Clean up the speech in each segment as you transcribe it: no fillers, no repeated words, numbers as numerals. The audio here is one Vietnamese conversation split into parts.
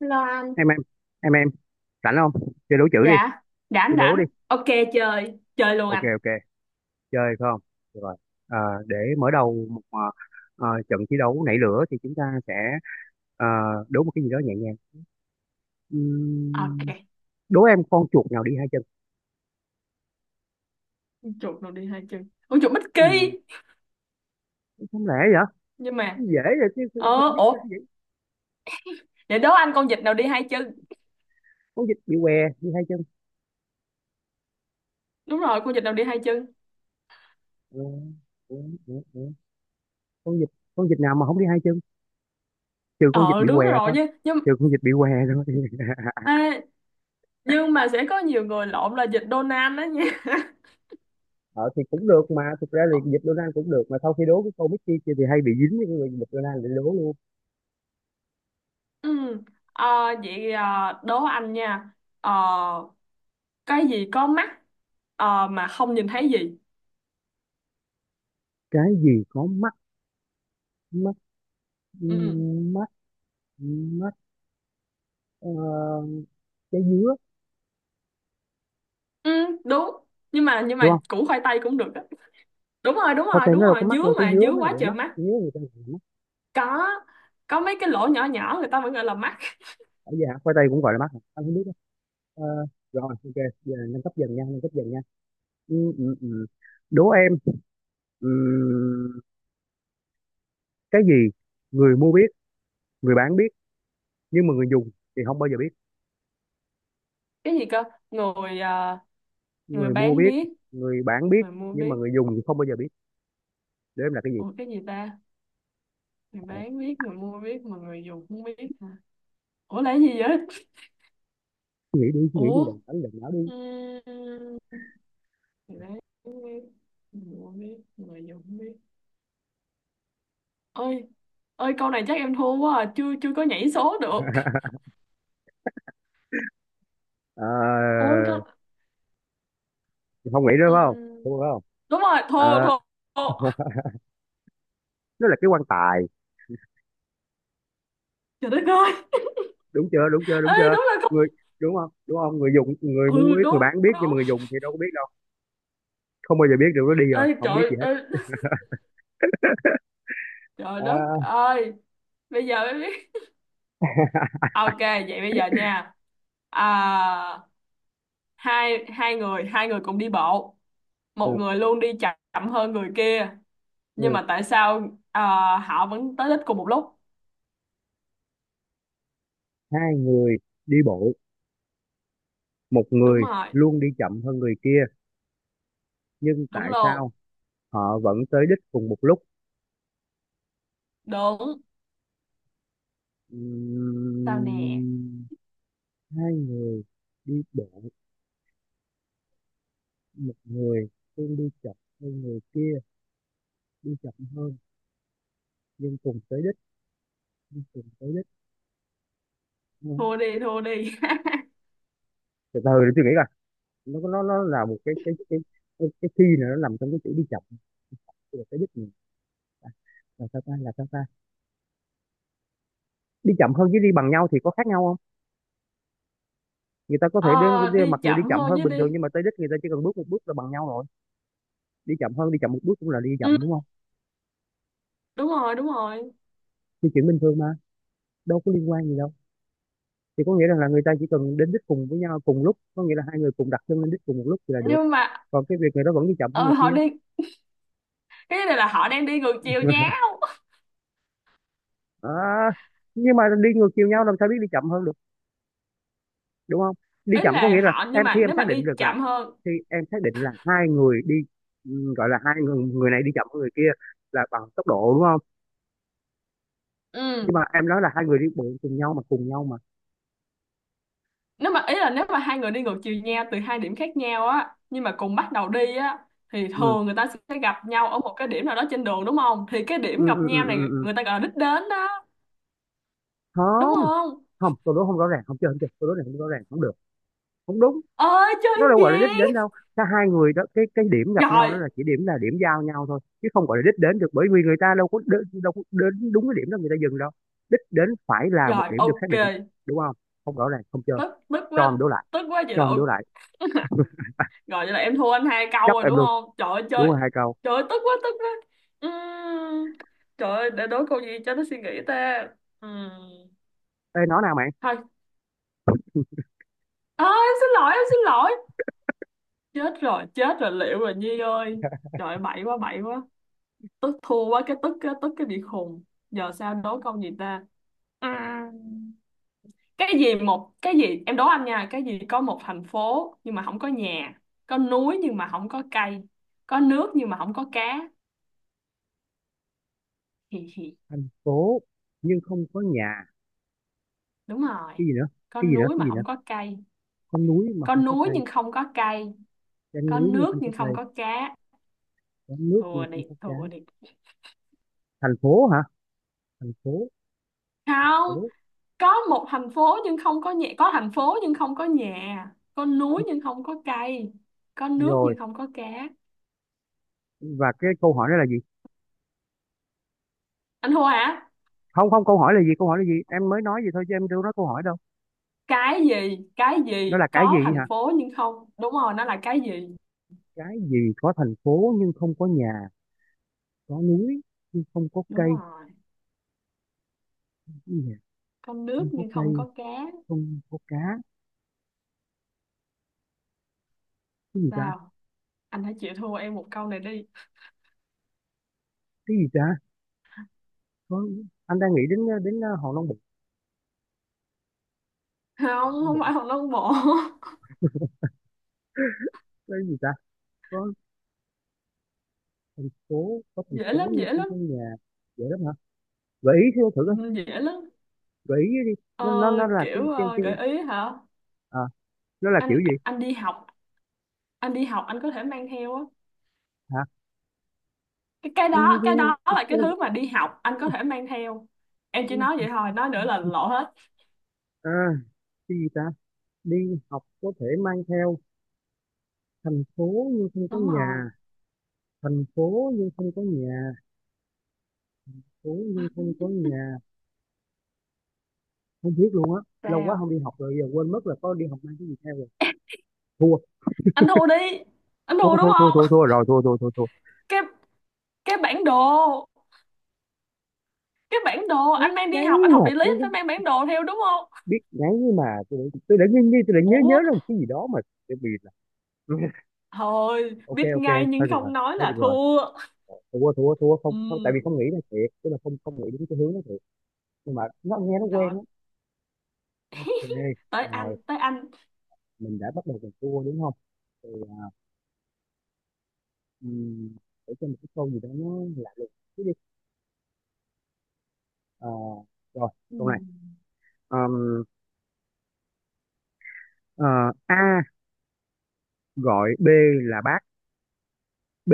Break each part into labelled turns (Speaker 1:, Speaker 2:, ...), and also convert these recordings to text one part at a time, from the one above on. Speaker 1: Lo anh.
Speaker 2: em em em, rảnh không? Chơi đố chữ đi,
Speaker 1: Dạ, rảnh
Speaker 2: chơi đố đi.
Speaker 1: rảnh, ok. Chơi chơi luôn
Speaker 2: ok
Speaker 1: anh.
Speaker 2: ok chơi phải không? Được rồi. Ờ, để mở đầu một trận thi đấu nảy lửa thì chúng ta sẽ ờ, đố một cái gì đó nhẹ nhàng. Ừm,
Speaker 1: Ok,
Speaker 2: Đố em, con chuột nào đi hai chân?
Speaker 1: chuột nào đi hai chân? Con chuột bích kỳ.
Speaker 2: Không lẽ vậy,
Speaker 1: Nhưng mà
Speaker 2: dễ vậy chứ, không không biết cái
Speaker 1: ủa,
Speaker 2: gì.
Speaker 1: để đố anh, con vịt nào đi hai chân?
Speaker 2: Con vịt bị què đi hai chân.
Speaker 1: Đúng rồi, con vịt nào đi hai chân?
Speaker 2: Ờ, ờ, ờ, ờ. Con vịt, con vịt nào mà không đi hai chân, trừ con vịt
Speaker 1: Ờ
Speaker 2: bị
Speaker 1: Đúng
Speaker 2: què
Speaker 1: rồi
Speaker 2: thôi.
Speaker 1: nhé, nhưng
Speaker 2: Trừ con vịt bị què thôi.
Speaker 1: à, nhưng mà sẽ có nhiều người lộn là vịt Donald đó nha.
Speaker 2: Ờ thì cũng được mà, thực ra thì dịch Donald cũng được mà, sau khi đố cái câu Mickey kia thì hay bị dính với cái người dịch Donald, để đố luôn.
Speaker 1: Ừ. ờ, Vậy đố anh nha. ờ, cái gì có mắt mà không nhìn thấy gì?
Speaker 2: Cái gì có mắt? Mắt,
Speaker 1: Ừ.
Speaker 2: mắt, mắt, ờ, trái dứa.
Speaker 1: Ừ, đúng, nhưng mà
Speaker 2: Đúng không?
Speaker 1: củ khoai tây cũng được á. Đúng rồi, đúng
Speaker 2: Khoai
Speaker 1: rồi,
Speaker 2: tây
Speaker 1: đúng
Speaker 2: nó đâu
Speaker 1: rồi,
Speaker 2: có mắt
Speaker 1: dứa
Speaker 2: đâu, trái
Speaker 1: mà,
Speaker 2: dứa
Speaker 1: dứa
Speaker 2: mới
Speaker 1: quá
Speaker 2: gọi là
Speaker 1: trời
Speaker 2: mắt,
Speaker 1: mắt.
Speaker 2: trái dứa người ta gọi là mắt.
Speaker 1: Có có mấy cái lỗ nhỏ nhỏ người ta vẫn gọi là mắt.
Speaker 2: Ở vậy hả, khoai tây cũng gọi là mắt hả? Anh không biết đó. Ờ, Rồi, ok, giờ nâng cấp dần nha, nâng cấp dần nha. ừ, ừ, ừ. Đố em, ừ, cái gì người mua biết, người bán biết, nhưng mà người dùng thì không bao giờ biết?
Speaker 1: Cái gì cơ? Người người
Speaker 2: Người mua
Speaker 1: bán
Speaker 2: biết,
Speaker 1: biết,
Speaker 2: người bán biết,
Speaker 1: người mua
Speaker 2: nhưng
Speaker 1: biết.
Speaker 2: mà người dùng thì không bao giờ biết. Để em là cái gì.
Speaker 1: Ủa, cái gì ta? Người
Speaker 2: Ờ,
Speaker 1: bán biết, người mua biết mà người dùng không biết hả? Ủa, là cái gì vậy?
Speaker 2: Suy nghĩ đi, suy nghĩ đi,
Speaker 1: Ủa.
Speaker 2: đừng đánh đừng não đi.
Speaker 1: ừm, Người bán biết, người mua biết, người dùng không biết. Ơi, ơi, câu này chắc em thua quá à. Chưa, chưa có nhảy số được.
Speaker 2: Ờ,
Speaker 1: Ôi con.
Speaker 2: Không nghĩ nữa phải không?
Speaker 1: ừm,
Speaker 2: Đúng không?
Speaker 1: Đúng rồi,
Speaker 2: Ờ,
Speaker 1: thua, thua, thua.
Speaker 2: nó là cái quan tài.
Speaker 1: Trời đất ơi.
Speaker 2: Đúng chưa, đúng chưa, đúng
Speaker 1: Ê,
Speaker 2: chưa?
Speaker 1: đúng là không?
Speaker 2: Người, đúng không, đúng không? Người dùng, người
Speaker 1: Ừ,
Speaker 2: mua biết, người
Speaker 1: đúng.
Speaker 2: bán biết, nhưng mà
Speaker 1: Đúng.
Speaker 2: người dùng thì đâu có biết đâu, không bao giờ biết được, nó đi rồi
Speaker 1: Ơi,
Speaker 2: không biết
Speaker 1: trời
Speaker 2: gì hết.
Speaker 1: ơi. Trời
Speaker 2: Ờ,
Speaker 1: đất ơi. Bây giờ mới biết. Ok, vậy bây giờ nha. À, hai hai người cùng đi bộ, một
Speaker 2: ừ,
Speaker 1: người luôn đi chậm hơn người kia, nhưng
Speaker 2: ừ.
Speaker 1: mà tại sao họ vẫn tới đích cùng một lúc?
Speaker 2: Hai người đi bộ, một
Speaker 1: Đúng
Speaker 2: người
Speaker 1: rồi.
Speaker 2: luôn đi chậm hơn người kia, nhưng
Speaker 1: Đúng
Speaker 2: tại sao
Speaker 1: luôn.
Speaker 2: họ vẫn tới đích cùng một lúc?
Speaker 1: Đúng. Sao nè?
Speaker 2: Ừm, Hai đi bộ, một người luôn đi chậm hơn người kia, đi chậm hơn nhưng cùng tới đích, nhưng cùng tới đích. Ừ.
Speaker 1: Thua đi, thua đi.
Speaker 2: Từ từ để tôi nghĩ coi. Nó là một cái khi này nó nằm trong cái chữ đi chậm. Tức là tới đích mình là sao ta, là sao ta? Đi chậm hơn với đi bằng nhau thì có khác nhau không? Người ta có thể đến,
Speaker 1: Ờ, Đi
Speaker 2: mặc dù đi
Speaker 1: chậm
Speaker 2: chậm
Speaker 1: hơn
Speaker 2: hơn
Speaker 1: chứ
Speaker 2: bình thường
Speaker 1: đi.
Speaker 2: nhưng mà tới đích người ta chỉ cần bước một bước là bằng nhau rồi. Đi chậm hơn, đi chậm một bước cũng là đi
Speaker 1: Ừ,
Speaker 2: chậm đúng không?
Speaker 1: đúng rồi, đúng rồi.
Speaker 2: Thì chuyện bình thường mà, đâu có liên quan gì đâu. Thì có nghĩa rằng là người ta chỉ cần đến đích cùng với nhau cùng lúc, có nghĩa là hai người cùng đặt chân lên đích cùng một lúc thì là được,
Speaker 1: Nhưng mà
Speaker 2: còn cái việc người đó vẫn đi chậm hơn người
Speaker 1: ờ, họ
Speaker 2: kia.
Speaker 1: đi, cái này là họ đang đi ngược chiều nhau.
Speaker 2: À, nhưng mà đi ngược chiều nhau làm sao biết đi chậm hơn được, đúng không? Đi
Speaker 1: Ý
Speaker 2: chậm có
Speaker 1: là
Speaker 2: nghĩa là
Speaker 1: họ, nhưng
Speaker 2: em
Speaker 1: mà
Speaker 2: khi em
Speaker 1: nếu mà
Speaker 2: xác định
Speaker 1: đi
Speaker 2: được là,
Speaker 1: chậm hơn.
Speaker 2: khi em xác định là hai người đi, ừ, gọi là hai người, người này đi chậm hơn người kia là bằng tốc độ đúng không?
Speaker 1: Ừ.
Speaker 2: Nhưng mà em nói là hai người đi bộ cùng nhau mà, cùng nhau mà.
Speaker 1: Nếu mà ý là nếu mà hai người đi ngược chiều nhau từ hai điểm khác nhau á, nhưng mà cùng bắt đầu đi á, thì
Speaker 2: ừ
Speaker 1: thường người ta sẽ gặp nhau ở một cái điểm nào đó trên đường, đúng không? Thì cái
Speaker 2: ừ
Speaker 1: điểm gặp
Speaker 2: ừ ừ,
Speaker 1: nhau
Speaker 2: ừ.
Speaker 1: này
Speaker 2: ừ.
Speaker 1: người ta gọi là đích đến đó, đúng
Speaker 2: Không
Speaker 1: không?
Speaker 2: không câu đố không rõ ràng không chơi, không chơi, câu đố này không rõ ràng không được, không đúng.
Speaker 1: Ơi, chơi
Speaker 2: Nó đâu
Speaker 1: gì?
Speaker 2: gọi là đích đến đâu. Cả hai người đó, cái điểm gặp nhau đó
Speaker 1: Rồi,
Speaker 2: là chỉ điểm, là điểm giao nhau thôi, chứ không gọi là đích đến được, bởi vì người ta đâu có đến đúng cái điểm đó người ta dừng đâu. Đích đến phải là một
Speaker 1: rồi,
Speaker 2: điểm được xác
Speaker 1: ok.
Speaker 2: định, đúng không? Không rõ ràng không chơi.
Speaker 1: Tức, tức
Speaker 2: Cho em
Speaker 1: quá,
Speaker 2: đổ lại,
Speaker 1: tức quá. Vậy
Speaker 2: cho
Speaker 1: là
Speaker 2: em đổ
Speaker 1: ok.
Speaker 2: lại.
Speaker 1: Rồi, vậy là em thua anh hai câu
Speaker 2: Chấp
Speaker 1: rồi
Speaker 2: em
Speaker 1: đúng
Speaker 2: luôn,
Speaker 1: không? Trời ơi,
Speaker 2: đúng
Speaker 1: chơi.
Speaker 2: rồi hai câu.
Speaker 1: Trời ơi, tức quá, tức quá. Ừm, Trời ơi, để đối câu gì cho nó suy nghĩ ta? Ừm,
Speaker 2: Ê nói nào mày.
Speaker 1: Thôi. À, em xin lỗi, em xin lỗi. Chết rồi, chết rồi, liệu rồi Nhi ơi. Trời ơi, bậy quá, bậy quá. Tức, thua quá cái tức, cái tức, cái bị khùng. Giờ sao đố câu gì ta? À, cái gì một cái gì, em đố anh nha. Cái gì có một thành phố nhưng mà không có nhà, có núi nhưng mà không có cây, có nước nhưng mà không có cá? Hì hì.
Speaker 2: Thành phố nhưng không có nhà,
Speaker 1: Đúng rồi.
Speaker 2: cái gì nữa,
Speaker 1: Có
Speaker 2: cái gì nữa,
Speaker 1: núi
Speaker 2: cái
Speaker 1: mà
Speaker 2: gì nữa?
Speaker 1: không có cây.
Speaker 2: Có núi mà
Speaker 1: Có
Speaker 2: không có
Speaker 1: núi
Speaker 2: cây,
Speaker 1: nhưng không có cây.
Speaker 2: có
Speaker 1: Có
Speaker 2: núi nhưng
Speaker 1: nước
Speaker 2: không có
Speaker 1: nhưng không
Speaker 2: cây,
Speaker 1: có cá.
Speaker 2: có nước nhưng
Speaker 1: Thua
Speaker 2: không
Speaker 1: đi,
Speaker 2: có cá.
Speaker 1: thua đi.
Speaker 2: Thành phố hả? Thành phố, thành
Speaker 1: Không.
Speaker 2: phố.
Speaker 1: Có một thành phố nhưng không có nhà. Có thành phố nhưng không có nhà, có núi nhưng không có cây, có nước
Speaker 2: Rồi,
Speaker 1: nhưng không có cá.
Speaker 2: và cái câu hỏi đó là gì?
Speaker 1: Anh thua hả?
Speaker 2: Không, không, câu hỏi là gì, câu hỏi là gì, em mới nói gì thôi chứ em đâu nói câu hỏi đâu.
Speaker 1: Cái gì, cái
Speaker 2: Nó
Speaker 1: gì
Speaker 2: là cái
Speaker 1: có
Speaker 2: gì
Speaker 1: thành
Speaker 2: hả?
Speaker 1: phố nhưng không, đúng rồi, nó là cái gì.
Speaker 2: Cái gì có thành phố nhưng không có nhà, có núi nhưng không có
Speaker 1: Đúng
Speaker 2: cây,
Speaker 1: rồi.
Speaker 2: không có nhà,
Speaker 1: Có
Speaker 2: không
Speaker 1: nước
Speaker 2: có
Speaker 1: nhưng không
Speaker 2: cây,
Speaker 1: có cá.
Speaker 2: không có cá. Cái gì ta,
Speaker 1: Sao? Anh hãy chịu thua em một câu này đi.
Speaker 2: cái gì ta, có, anh đang nghĩ đến, đến hòn non bộ.
Speaker 1: Không,
Speaker 2: Long
Speaker 1: không
Speaker 2: Bộ.
Speaker 1: phải Hồng Long Bộ.
Speaker 2: Cái gì ta, có phố, có thành
Speaker 1: Dễ
Speaker 2: phố
Speaker 1: lắm,
Speaker 2: nhưng
Speaker 1: dễ
Speaker 2: không
Speaker 1: lắm.
Speaker 2: có nhà. Vậy đó hả? Gợi ý thử, thử coi,
Speaker 1: Ừ, dễ lắm.
Speaker 2: gợi ý đi.
Speaker 1: ờ,
Speaker 2: Nó là cái
Speaker 1: Kiểu
Speaker 2: cái cái
Speaker 1: gợi ý hả?
Speaker 2: à, nó là
Speaker 1: anh
Speaker 2: kiểu gì?
Speaker 1: anh đi học, anh đi học, anh có thể mang theo á.
Speaker 2: Hả?
Speaker 1: Cái
Speaker 2: Ừ,
Speaker 1: đó, cái đó là
Speaker 2: cái-
Speaker 1: cái thứ mà đi học anh có thể mang theo. Em chỉ nói
Speaker 2: cái-
Speaker 1: vậy thôi, nói nữa là lộ hết.
Speaker 2: à, cái gì ta, đi học có thể mang theo, thành phố nhưng không có
Speaker 1: Đúng rồi.
Speaker 2: nhà, thành phố nhưng không có nhà, phố nhưng không có nhà. Không biết luôn á. Lâu quá không
Speaker 1: Sao?
Speaker 2: đi học rồi giờ quên mất là có đi học mang cái gì theo rồi. thua
Speaker 1: Anh thua đi. Anh
Speaker 2: thua
Speaker 1: thua đúng
Speaker 2: thua thua thua
Speaker 1: không?
Speaker 2: thua rồi, thua thua thua thua.
Speaker 1: Cái, cái bản đồ. Cái bản đồ,
Speaker 2: Biết
Speaker 1: anh mang đi
Speaker 2: ngáy
Speaker 1: học, anh học
Speaker 2: mà
Speaker 1: địa lý
Speaker 2: tôi
Speaker 1: anh phải
Speaker 2: biết,
Speaker 1: mang bản đồ theo, đúng không?
Speaker 2: biết ngáy nhưng mà, tôi đã nghi nghi tôi đã nhớ nhớ
Speaker 1: Ủa.
Speaker 2: ra một cái gì đó mà, tôi bị là.
Speaker 1: Thôi
Speaker 2: ok
Speaker 1: biết
Speaker 2: ok
Speaker 1: ngay nhưng
Speaker 2: thôi được rồi,
Speaker 1: không nói
Speaker 2: thôi được
Speaker 1: là
Speaker 2: rồi.
Speaker 1: thua.
Speaker 2: Thua thua thua không, không, tại vì không
Speaker 1: Ừ.
Speaker 2: nghĩ là thiệt, tức là không không nghĩ đến cái hướng đó thiệt. Nhưng mà nó nghe nó quen
Speaker 1: Rồi,
Speaker 2: á. Ok,
Speaker 1: tới anh,
Speaker 2: rồi,
Speaker 1: tới anh.
Speaker 2: mình đã bắt đầu mình thua đúng không? Thì, Ừm, để cho một cái câu gì đó nó lạ lùng chút đi. Ờ, Rồi,
Speaker 1: Ừ.
Speaker 2: câu này. Ờm, ờ, A gọi B là bác, B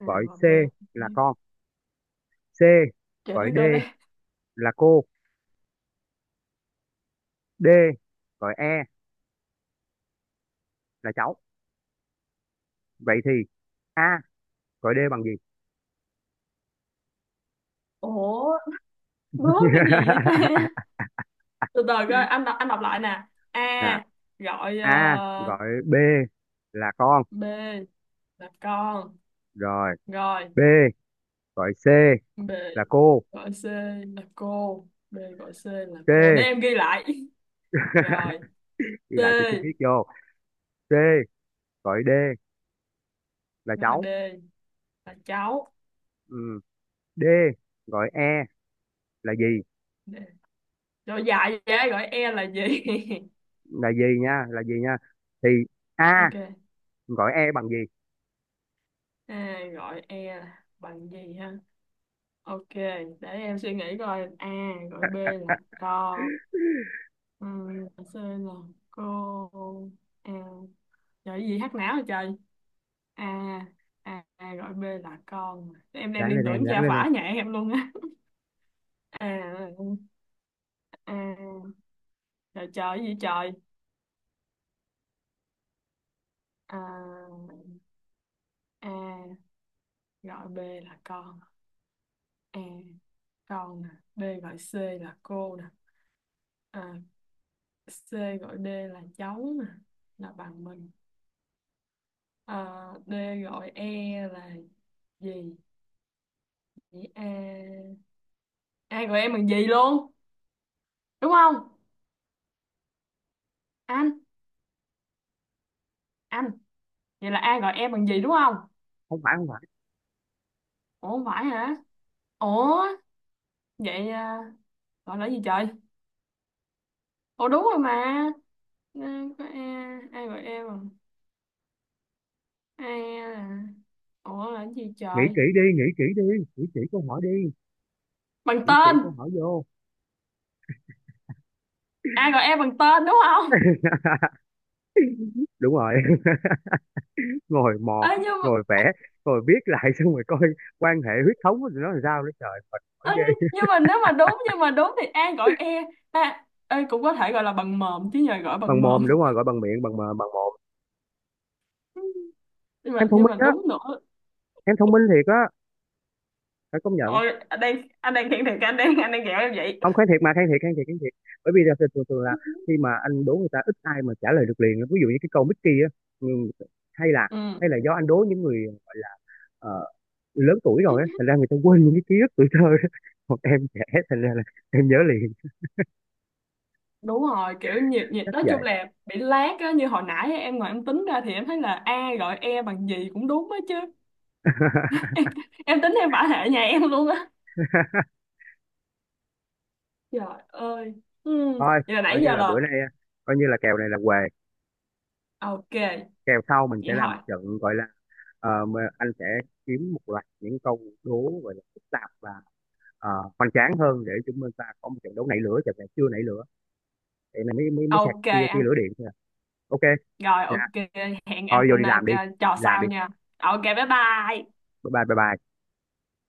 Speaker 1: À,
Speaker 2: gọi
Speaker 1: mà
Speaker 2: C
Speaker 1: bê.
Speaker 2: là con, C
Speaker 1: Trời
Speaker 2: gọi
Speaker 1: đất
Speaker 2: D
Speaker 1: ơi.
Speaker 2: là cô, D gọi E là cháu, vậy thì A gọi D bằng gì?
Speaker 1: Ủa, nói cái gì vậy ta? Từ từ coi, anh đọc, anh đọc lại nè.
Speaker 2: Nè,
Speaker 1: A gọi
Speaker 2: A gọi B là con,
Speaker 1: B là con,
Speaker 2: rồi
Speaker 1: rồi.
Speaker 2: B gọi C
Speaker 1: B
Speaker 2: là cô,
Speaker 1: gọi C là cô. B gọi C là cô, để
Speaker 2: C.
Speaker 1: em ghi lại. Rồi.
Speaker 2: Ghi
Speaker 1: C
Speaker 2: lại cho chi tiết vô. C gọi D là
Speaker 1: gọi
Speaker 2: cháu,
Speaker 1: D là cháu.
Speaker 2: ừ. D gọi E là gì,
Speaker 1: D. Rồi dài vậy, gọi E là gì?
Speaker 2: là gì nha, là gì nha? Thì A
Speaker 1: Ok.
Speaker 2: gọi E bằng gì?
Speaker 1: A gọi E là bằng gì ha? Ok, để em suy nghĩ coi. A gọi B là con, ừ, gọi C là cô. A. Trời, cái gì hát não hả trời? A. A. A gọi B là con. Em đang
Speaker 2: Ráng lên
Speaker 1: liên
Speaker 2: em,
Speaker 1: tưởng
Speaker 2: ráng
Speaker 1: gia
Speaker 2: lên em.
Speaker 1: phả nhà em luôn á. A. A. Trời trời, cái gì trời? A. A gọi B là con. A, con nè. B gọi C là cô nè. À, C gọi D là cháu nè, là bằng mình. À, D gọi E là gì? Vậy A, A gọi em bằng gì luôn, đúng không? Anh anh. Vậy là A gọi em bằng gì đúng không?
Speaker 2: Không phải, không phải.
Speaker 1: Ủa, phải hả? Ủa. Vậy à, gọi là gì trời? Ủa đúng rồi mà. À, có e, ai gọi em bằng, ai là. Ủa là cái gì
Speaker 2: Nghĩ
Speaker 1: trời?
Speaker 2: kỹ đi, nghĩ kỹ đi, nghĩ kỹ câu hỏi đi,
Speaker 1: Bằng
Speaker 2: nghĩ kỹ
Speaker 1: tên.
Speaker 2: câu hỏi vô.
Speaker 1: Ai gọi em bằng tên, đúng không?
Speaker 2: Đúng rồi. Ngồi mò,
Speaker 1: Ê, nhưng mà,
Speaker 2: ngồi vẽ, ngồi viết lại xong rồi coi quan hệ huyết thống của tụi nó làm sao, nữa trời mệt mỏi
Speaker 1: ê,
Speaker 2: ghê.
Speaker 1: nhưng mà nếu mà đúng, nhưng mà đúng thì ai gọi e. À, ê, cũng có thể gọi là bằng mồm chứ, nhờ gọi bằng
Speaker 2: Bằng
Speaker 1: mồm.
Speaker 2: mồm, đúng rồi, gọi bằng miệng, bằng mồm.
Speaker 1: Nhưng
Speaker 2: Em
Speaker 1: mà,
Speaker 2: thông
Speaker 1: nhưng
Speaker 2: minh
Speaker 1: mà
Speaker 2: á,
Speaker 1: đúng nữa.
Speaker 2: em thông minh thiệt á, phải công nhận.
Speaker 1: Ôi, anh đang khen thiệt, anh đang ghẹo em vậy.
Speaker 2: Không, kháng thiệt mà, kháng thiệt, kháng thiệt, kháng thiệt. Bởi vì là thường thường thường là khi mà anh đố người ta, ít ai mà trả lời được liền, ví dụ như cái câu Mickey á, ừ, hay là,
Speaker 1: Ừ.
Speaker 2: hay là do anh đố những người gọi là ờ, lớn tuổi rồi á, thành ra người ta quên những cái ký ức tuổi thơ đó. Còn em trẻ, thành ra là em nhớ liền.
Speaker 1: Đúng rồi, kiểu nhiệt nhiệt,
Speaker 2: Chắc
Speaker 1: nói chung
Speaker 2: vậy.
Speaker 1: là bị lác á, như hồi nãy á, em ngồi em tính ra thì em thấy là A gọi E bằng gì cũng đúng á chứ. Em tính em phải hệ nhà em luôn á. Trời ơi. Ừ.
Speaker 2: Thôi,
Speaker 1: Vậy là
Speaker 2: coi
Speaker 1: nãy
Speaker 2: như
Speaker 1: giờ
Speaker 2: là
Speaker 1: là,
Speaker 2: bữa nay, coi như là kèo này là què,
Speaker 1: ok,
Speaker 2: kèo sau mình sẽ
Speaker 1: vậy
Speaker 2: làm
Speaker 1: thôi.
Speaker 2: một trận gọi là, mà anh sẽ kiếm một loạt những câu đố gọi là phức tạp và ờ, hoành tráng hơn, để chúng ta có một trận đấu nảy lửa, trận này chưa nảy lửa, vậy là mới mới mới sạc
Speaker 1: Ok
Speaker 2: tia tia
Speaker 1: anh.
Speaker 2: lửa điện thôi à. Ok
Speaker 1: Rồi,
Speaker 2: nha,
Speaker 1: ok. Hẹn
Speaker 2: thôi vô
Speaker 1: anh
Speaker 2: đi làm đi,
Speaker 1: trò
Speaker 2: đi làm
Speaker 1: sau
Speaker 2: đi.
Speaker 1: nha. Ok, bye bye.
Speaker 2: Bye bye, bye bye.